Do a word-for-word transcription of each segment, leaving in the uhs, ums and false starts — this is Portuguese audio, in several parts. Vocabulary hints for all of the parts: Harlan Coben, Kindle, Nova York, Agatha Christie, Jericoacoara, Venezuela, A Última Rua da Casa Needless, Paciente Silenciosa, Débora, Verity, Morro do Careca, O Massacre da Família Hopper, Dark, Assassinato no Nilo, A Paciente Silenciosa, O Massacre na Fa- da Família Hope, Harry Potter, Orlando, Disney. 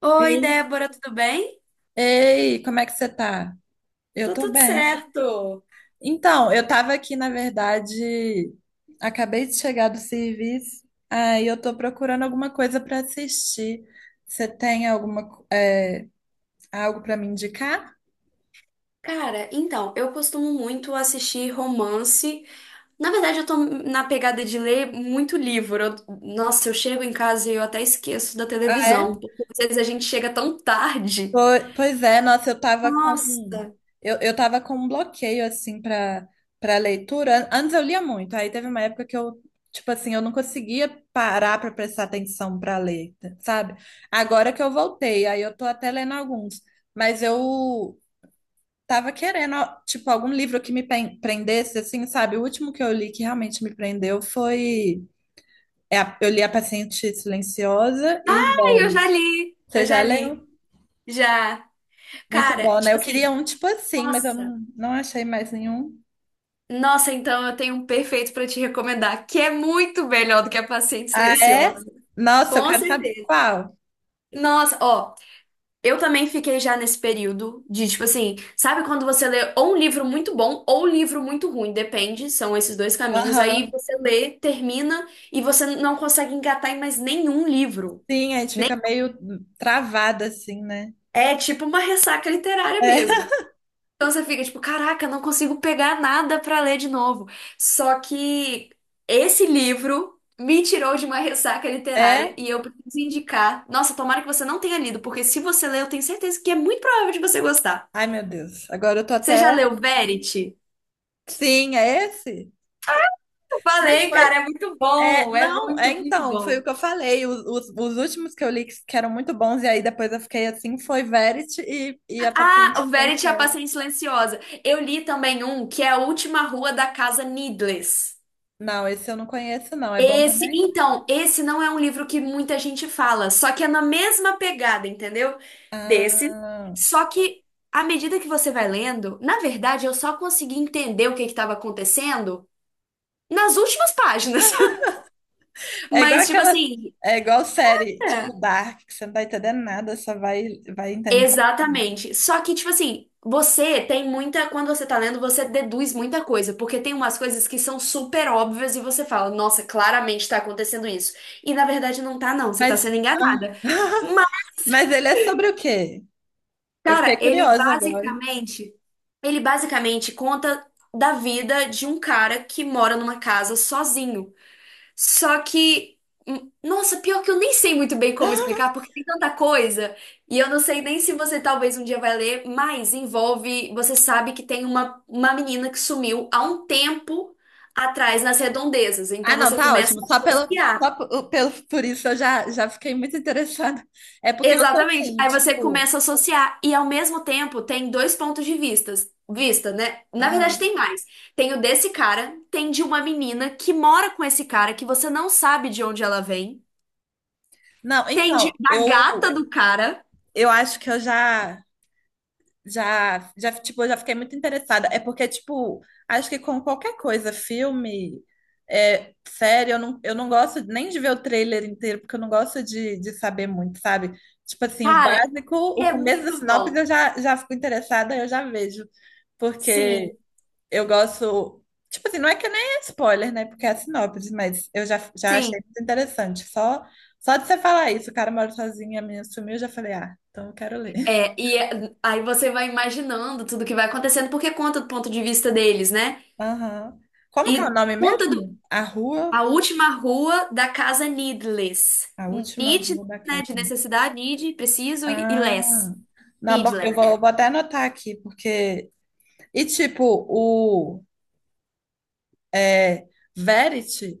Oi, Sim. Débora, tudo bem? Ei, como é que você tá? Eu Tô tô tudo bem. certo. Então, eu tava aqui, na verdade, acabei de chegar do serviço, aí eu tô procurando alguma coisa pra assistir. Você tem alguma, co- é, algo pra me indicar? Cara, então, eu costumo muito assistir romance. Na verdade, eu tô na pegada de ler muito livro. Eu- nossa, eu chego em casa e eu até esqueço da Ah, televisão, é? porque às vezes a gente chega tão tarde. Po- Pois é, nossa, eu tava com um, Nossa. eu, eu tava com um bloqueio assim para para leitura. An- Antes eu lia muito, aí teve uma época que eu, tipo assim, eu não conseguia parar para prestar atenção para ler, sabe? Agora que eu voltei, aí eu tô até lendo alguns, mas eu tava querendo tipo algum livro que me pen- prendesse assim, sabe? O último que eu li que realmente me prendeu foi, é, a- eu li A Paciente Silenciosa e Ai, eu já Veres. li. Eu Você já já li. leu? Já. Muito Cara, bom, né? tipo Eu queria assim, um tipo assim, mas eu nossa. não, não achei mais nenhum. Nossa, então eu tenho um perfeito pra te recomendar, que é muito melhor do que a Paciente Ah, é? Silenciosa. Nossa, eu Com quero saber certeza. qual. Nossa, ó. Eu também fiquei já nesse período de, tipo assim, sabe quando você lê ou um livro muito bom ou um livro muito ruim, depende, são esses dois caminhos. Aí Aham. você lê, termina e você não consegue engatar em mais nenhum livro. Sim, a gente Nem... fica meio travada assim, né? É tipo uma ressaca literária É? mesmo. Então você fica tipo, caraca, não consigo pegar nada pra ler de novo. Só que esse livro me tirou de uma ressaca literária É? e eu preciso indicar. Nossa, tomara que você não tenha lido, porque se você ler, eu tenho certeza que é muito provável de você gostar. Ai, meu Deus. Agora eu tô Você até. já leu Verity? Sim, é esse? Eu Mas falei, cara, foi. é muito É, bom, é não, é muito, muito então, foi o bom. que eu falei. Os, os, os últimos que eu li que que eram muito bons, e aí depois eu fiquei assim, foi Verity e, e a Ah, Paciente o Verity é a Silenciosa. Paciente Silenciosa. Eu li também um que é A Última Rua da Casa Needless. Não, esse eu não conheço, não. É bom Esse, também? então, esse não é um livro que muita gente fala, só que é na mesma pegada, entendeu? Desse. Ah. Só que à medida que você vai lendo, na verdade, eu só consegui entender o que que estava acontecendo nas últimas páginas. É igual Mas, tipo aquela. assim, É igual série, é. tipo Dark, que você não tá entendendo nada, só vai, vai entender. Exatamente. Só que, tipo assim, você tem muita. Quando você tá lendo, você deduz muita coisa, porque tem umas coisas que são super óbvias e você fala, nossa, claramente tá acontecendo isso. E na verdade não tá, não. Você tá Mas. sendo Ah, enganada. Mas, mas ele é sobre o quê? Eu fiquei cara, ele curiosa agora. basicamente. Ele basicamente conta da vida de um cara que mora numa casa sozinho. Só que, hum, nossa, pior que eu nem sei muito bem como explicar, porque tem tanta coisa, e eu não sei nem se você talvez um dia vai ler, mas envolve, você sabe que tem uma, uma menina que sumiu há um tempo atrás nas redondezas, Ah, então não, você tá começa ótimo. a Só pelo, associar. só po- pelo, Por isso eu já, já fiquei muito interessada. É porque eu tô Exatamente. assim, Aí você tipo. começa a associar e ao mesmo tempo tem dois pontos de vistas, vista, né? Na verdade Ah. tem mais. Tem o desse cara, tem de uma menina que mora com esse cara que você não sabe de onde ela vem. Não, Tem de, então, da gata eu, do cara. eu acho que eu já. Já, já, tipo, eu já fiquei muito interessada. É porque, tipo, acho que com qualquer coisa, filme, é, série, eu não, eu não gosto nem de ver o trailer inteiro, porque eu não gosto de, de saber muito, sabe? Tipo assim, o Cara, básico, o é começo da muito sinopse bom. eu já, já fico interessada, eu já vejo. Porque Sim, eu gosto. Tipo assim, não é que nem é spoiler, né? Porque é a sinopse, mas eu já, já achei sim. muito interessante. Só, só de você falar isso, o cara mora sozinho, a menina sumiu, eu já falei, ah, então eu quero ler. É, e é- aí você vai imaginando tudo que vai acontecendo, porque conta do ponto de vista deles, né? Aham. Como que é o E nome conta do, mesmo? A rua, A Última Rua da Casa Needless. a última Need, rua da né? casa. De necessidade, need, preciso e, e Ah, less. não, bo- eu Needless, né? vou, vou até anotar aqui, porque. E tipo, o, é, Verity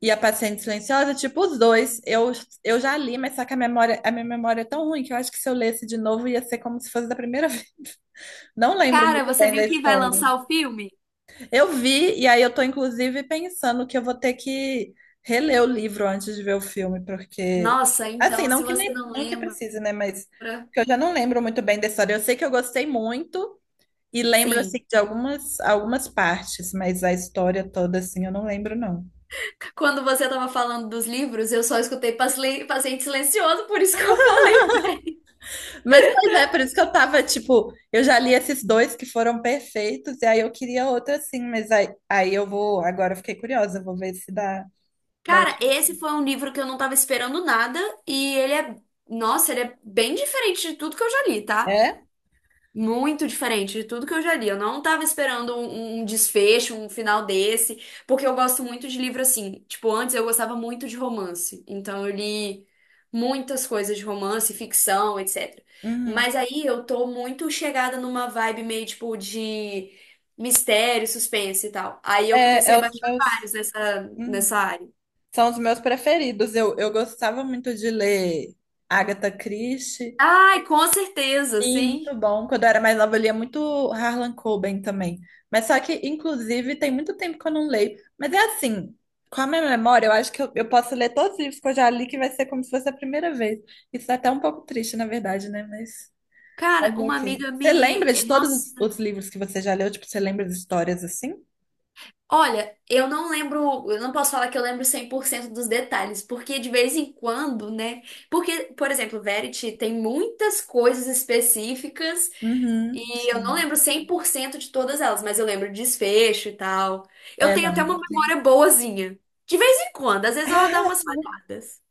e a Paciente Silenciosa, tipo, os dois, eu, eu já li, mas só que a memória, a minha memória é tão ruim que eu acho que se eu lesse de novo ia ser como se fosse da primeira vez. Não lembro Cara, muito você bem da viu que vai história. lançar o filme? Eu vi, e aí eu tô inclusive pensando que eu vou ter que reler o livro antes de ver o filme, porque Nossa, assim, então, se não que você nem, não não que lembra, precise, né, mas porque eu já não lembro muito bem da história. Eu sei que eu gostei muito e lembro sim. assim de algumas algumas partes, mas a história toda assim eu não lembro não. Quando você tava falando dos livros, eu só escutei Pasle- Paciente Silencioso, por isso que eu falei. Mas pois é, por isso que eu tava tipo, eu já li esses dois que foram perfeitos e aí eu queria outro assim, mas aí, aí eu vou, agora eu fiquei curiosa, eu vou ver se dá dá. Cara, esse foi um livro que eu não tava esperando nada e ele é, nossa, ele é bem diferente de tudo que eu já li, tá? É? Muito diferente de tudo que eu já li. Eu não estava esperando um, um um desfecho, um final desse, porque eu gosto muito de livro assim. Tipo, antes eu gostava muito de romance. Então eu li muitas coisas de romance, ficção, etcétera. Uhum. Mas aí eu tô muito chegada numa vibe meio tipo de mistério, suspense e tal. Aí eu É, comecei é a os baixar meus. vários nessa, Hum, nessa área. São os meus preferidos. Eu, eu gostava muito de ler Agatha Christie. Ai, com certeza, E muito sim. bom. Quando eu era mais nova, eu lia muito Harlan Coben também. Mas só que, inclusive, tem muito tempo que eu não leio. Mas é assim, com a minha memória, eu acho que eu, eu posso ler todos os livros que eu já li, que vai ser como se fosse a primeira vez. Isso é até um pouco triste, na verdade, né? Mas Cara, fazer o uma quê? amiga Você me. lembra de todos os Nossa. os livros que você já leu? Tipo, você lembra de histórias assim? Olha, eu não lembro, eu não posso falar que eu lembro cem por cento dos detalhes, porque de vez em quando, né? Porque, por exemplo, Verity tem muitas coisas específicas Uhum, e eu não sim. lembro cem por cento de todas elas, mas eu lembro desfecho e tal. Eu É, tenho até não. uma Sim. memória boazinha. De vez em quando, às vezes ela dá umas falhadas.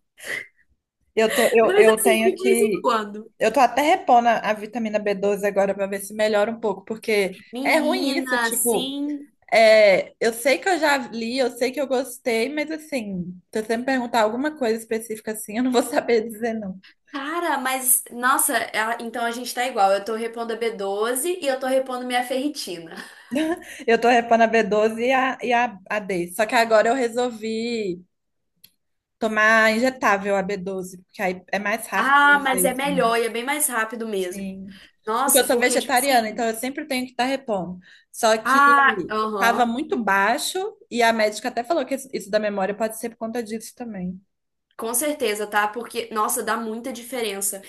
Eu, tô- eu, Mas eu assim, tenho de vez em que. quando. Eu tô até repondo a, a vitamina b doze agora para ver se melhora um pouco, porque é ruim isso, Menina, tipo, sim. é, eu sei que eu já li, eu sei que eu gostei, mas assim, se você me perguntar alguma coisa específica assim, eu não vou saber dizer não. Cara, mas nossa, ela- então a gente tá igual. Eu tô repondo a b doze e eu tô repondo minha ferritina. Eu tô repondo a b doze e a, e a, a D. Só que agora eu resolvi tomar injetável a b doze porque aí é mais rápido Ah, o mas é efeito, né? melhor e é bem mais rápido mesmo. Sim. Porque eu Nossa, sou porque, tipo vegetariana, então assim. eu sempre tenho que estar repondo. Só que Ah, estava aham. muito baixo e a médica até falou que isso isso da memória pode ser por conta disso também. Com certeza, tá? Porque, nossa, dá muita diferença.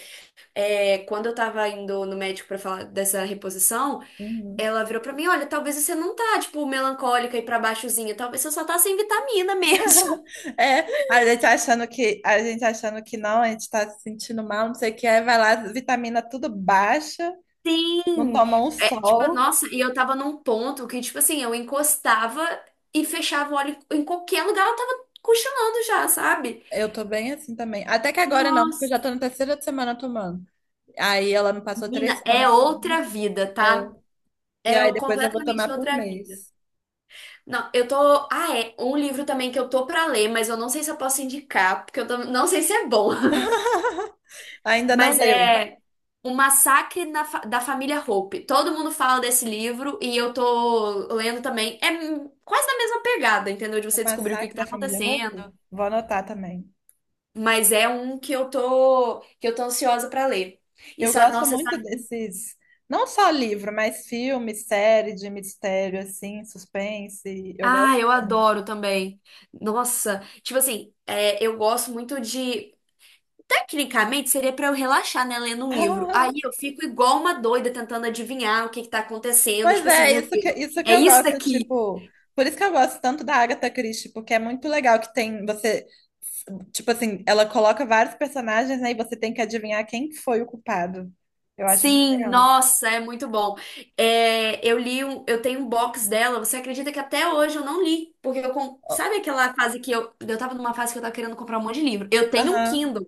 É, quando eu tava indo no médico pra falar dessa reposição, Uhum. ela virou pra mim: olha, talvez você não tá, tipo, melancólica e pra baixozinha. Talvez você só tá sem vitamina mesmo. É, a gente achando que a gente achando que não, a gente está se sentindo mal, não sei o que, aí vai lá, vitamina tudo baixa, não Sim! toma um É, tipo, sol. nossa, e eu tava num ponto que, tipo assim, eu encostava e fechava o olho em qualquer lugar, eu tava cochilando já, sabe? Eu tô bem assim também. Até que agora não, porque eu já Nossa. tô na terceira semana tomando. Aí ela me passou três Menina, é semanas outra seguidas, vida, é, tá? e É aí depois eu vou completamente tomar por outra vida. mês. Não, eu tô. Ah, é. Um livro também que eu tô pra ler, mas eu não sei se eu posso indicar, porque eu tam- não sei se é bom. Ainda não Mas leu. é O Massacre na Fa- da Família Hope. Todo mundo fala desse livro e eu tô lendo também. É hum, quase na mesma pegada, entendeu? De O você descobrir o que que Massacre tá da Família acontecendo. Hopper? Vou anotar também. Mas é um que eu tô, que eu tô ansiosa pra ler. Eu Isso, é, gosto nossa, muito desses, não só livro, mas filme, série de mistério, assim, suspense. Eu ah, gosto eu bastante. adoro também. Nossa, tipo assim, é, eu gosto muito de. Tecnicamente, seria pra eu relaxar, né, lendo um livro. Ah, Aí eu fico igual uma doida tentando adivinhar o que que tá acontecendo. pois Tipo assim, é, meu isso que, Deus, isso que é eu isso gosto, daqui. tipo, por isso que eu gosto tanto da Agatha Christie, porque é muito legal que tem você, tipo assim, ela coloca vários personagens, né, e você tem que adivinhar quem que foi o culpado. Eu acho muito Sim, legal. nossa, é muito bom. É, eu li um, eu tenho um box dela. Você acredita que até hoje eu não li? Porque eu, com- Ó, sabe aquela fase que eu, eu tava numa fase que eu, tava querendo comprar um monte de livro. Eu tenho um aham. Kindle,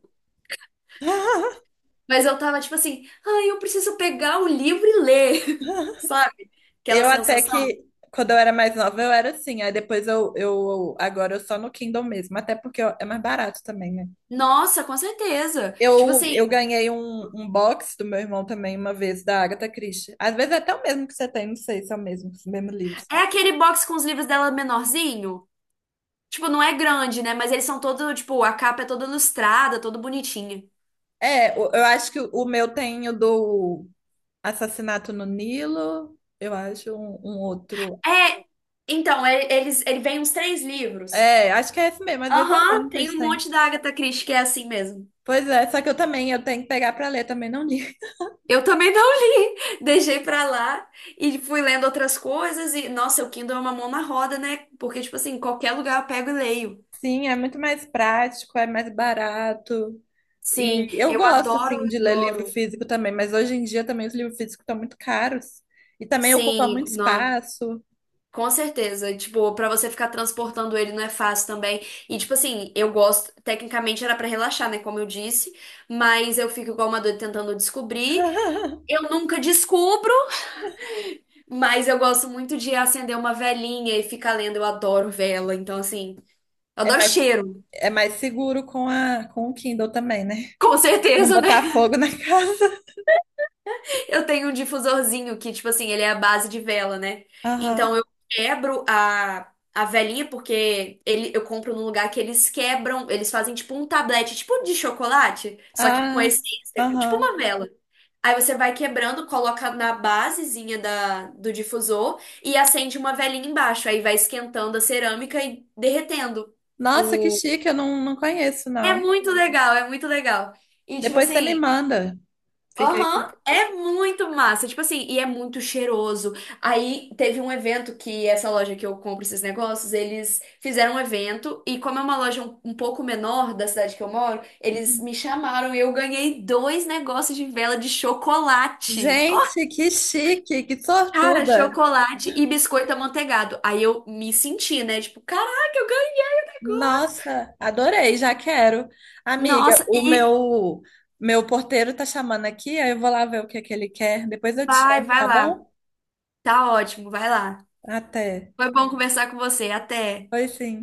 mas eu tava tipo assim, ai, eu preciso pegar o livro e ler. Sabe? Aquela Eu até sensação? que, quando eu era mais nova, eu era assim. Aí depois eu, eu agora eu só no Kindle mesmo, até porque eu- é mais barato também, né? Nossa, com certeza. Tipo Eu, assim, eu ganhei um, um box do meu irmão também uma vez, da Agatha Christie. Às vezes é até o mesmo que você tem, não sei se é o mesmo, os mesmos livros. é aquele box com os livros dela menorzinho. Tipo, não é grande, né? Mas eles são todo, tipo, a capa é toda ilustrada, todo bonitinha. É, o- eu acho que o o meu tem o do Assassinato no Nilo, eu acho um, um outro. É, então, é- eles, ele vem uns três livros. É, acho que é esse mesmo, às vezes é o Aham, mesmo que tem eles um têm. monte da Agatha Christie que é assim mesmo. Pois é, só que eu também, eu tenho que pegar pra ler, também não li. Eu também não li, deixei pra lá e fui lendo outras coisas e, nossa, o Kindle é uma mão na roda, né? Porque, tipo assim, em qualquer lugar eu pego e leio. Sim, é muito mais prático, é mais barato. Sim, E eu eu gosto, adoro, assim, de ler livro adoro. físico também, mas hoje em dia também os livros físicos estão muito caros. E também ocupam Sim, muito espaço. com certeza, tipo, pra você ficar transportando ele não é fácil também. E tipo assim, eu gosto, tecnicamente era pra relaxar, né, como eu disse, mas eu fico igual uma doida tentando descobrir. Eu nunca descubro, mas eu gosto muito de acender uma velinha e ficar lendo, eu adoro vela, então assim, eu É adoro mais, cheiro. é mais seguro com a, com o Kindle também, né? Com Não certeza, né? botar fogo na casa. Eu tenho um difusorzinho que, tipo assim, ele é a base de vela, né? Então Aham. eu quebro a, a velinha, porque ele, eu compro num lugar que eles quebram, eles fazem tipo um tablete, tipo de chocolate, só que com Ah, essência, tipo aham. uma vela. Aí você vai quebrando, coloca na basezinha da, do difusor e acende uma velinha embaixo. Aí vai esquentando a cerâmica e derretendo. Nossa, que O... chique, eu não, não conheço, É não. muito legal, é muito legal. E tipo Depois você me assim. manda. Fiquei Aham, com... é muito massa, tipo assim, e é muito cheiroso. Aí teve um evento que essa loja que eu compro esses negócios, eles fizeram um evento e como é uma loja um, um pouco menor da cidade que eu moro, eles Uhum. me chamaram e eu ganhei dois negócios de vela de chocolate. Ó, Gente, que chique, que cara, sortuda. chocolate e biscoito amanteigado. Aí eu me senti, né? Tipo, caraca, eu ganhei o negócio. Nossa, adorei, já quero. Amiga, Nossa, o e meu meu porteiro tá chamando aqui, aí eu vou lá ver o que é que ele quer. Depois eu te vai, chamo, vai tá lá. bom? Tá ótimo, vai lá. Até. Foi bom conversar com você. Até. Pois sim.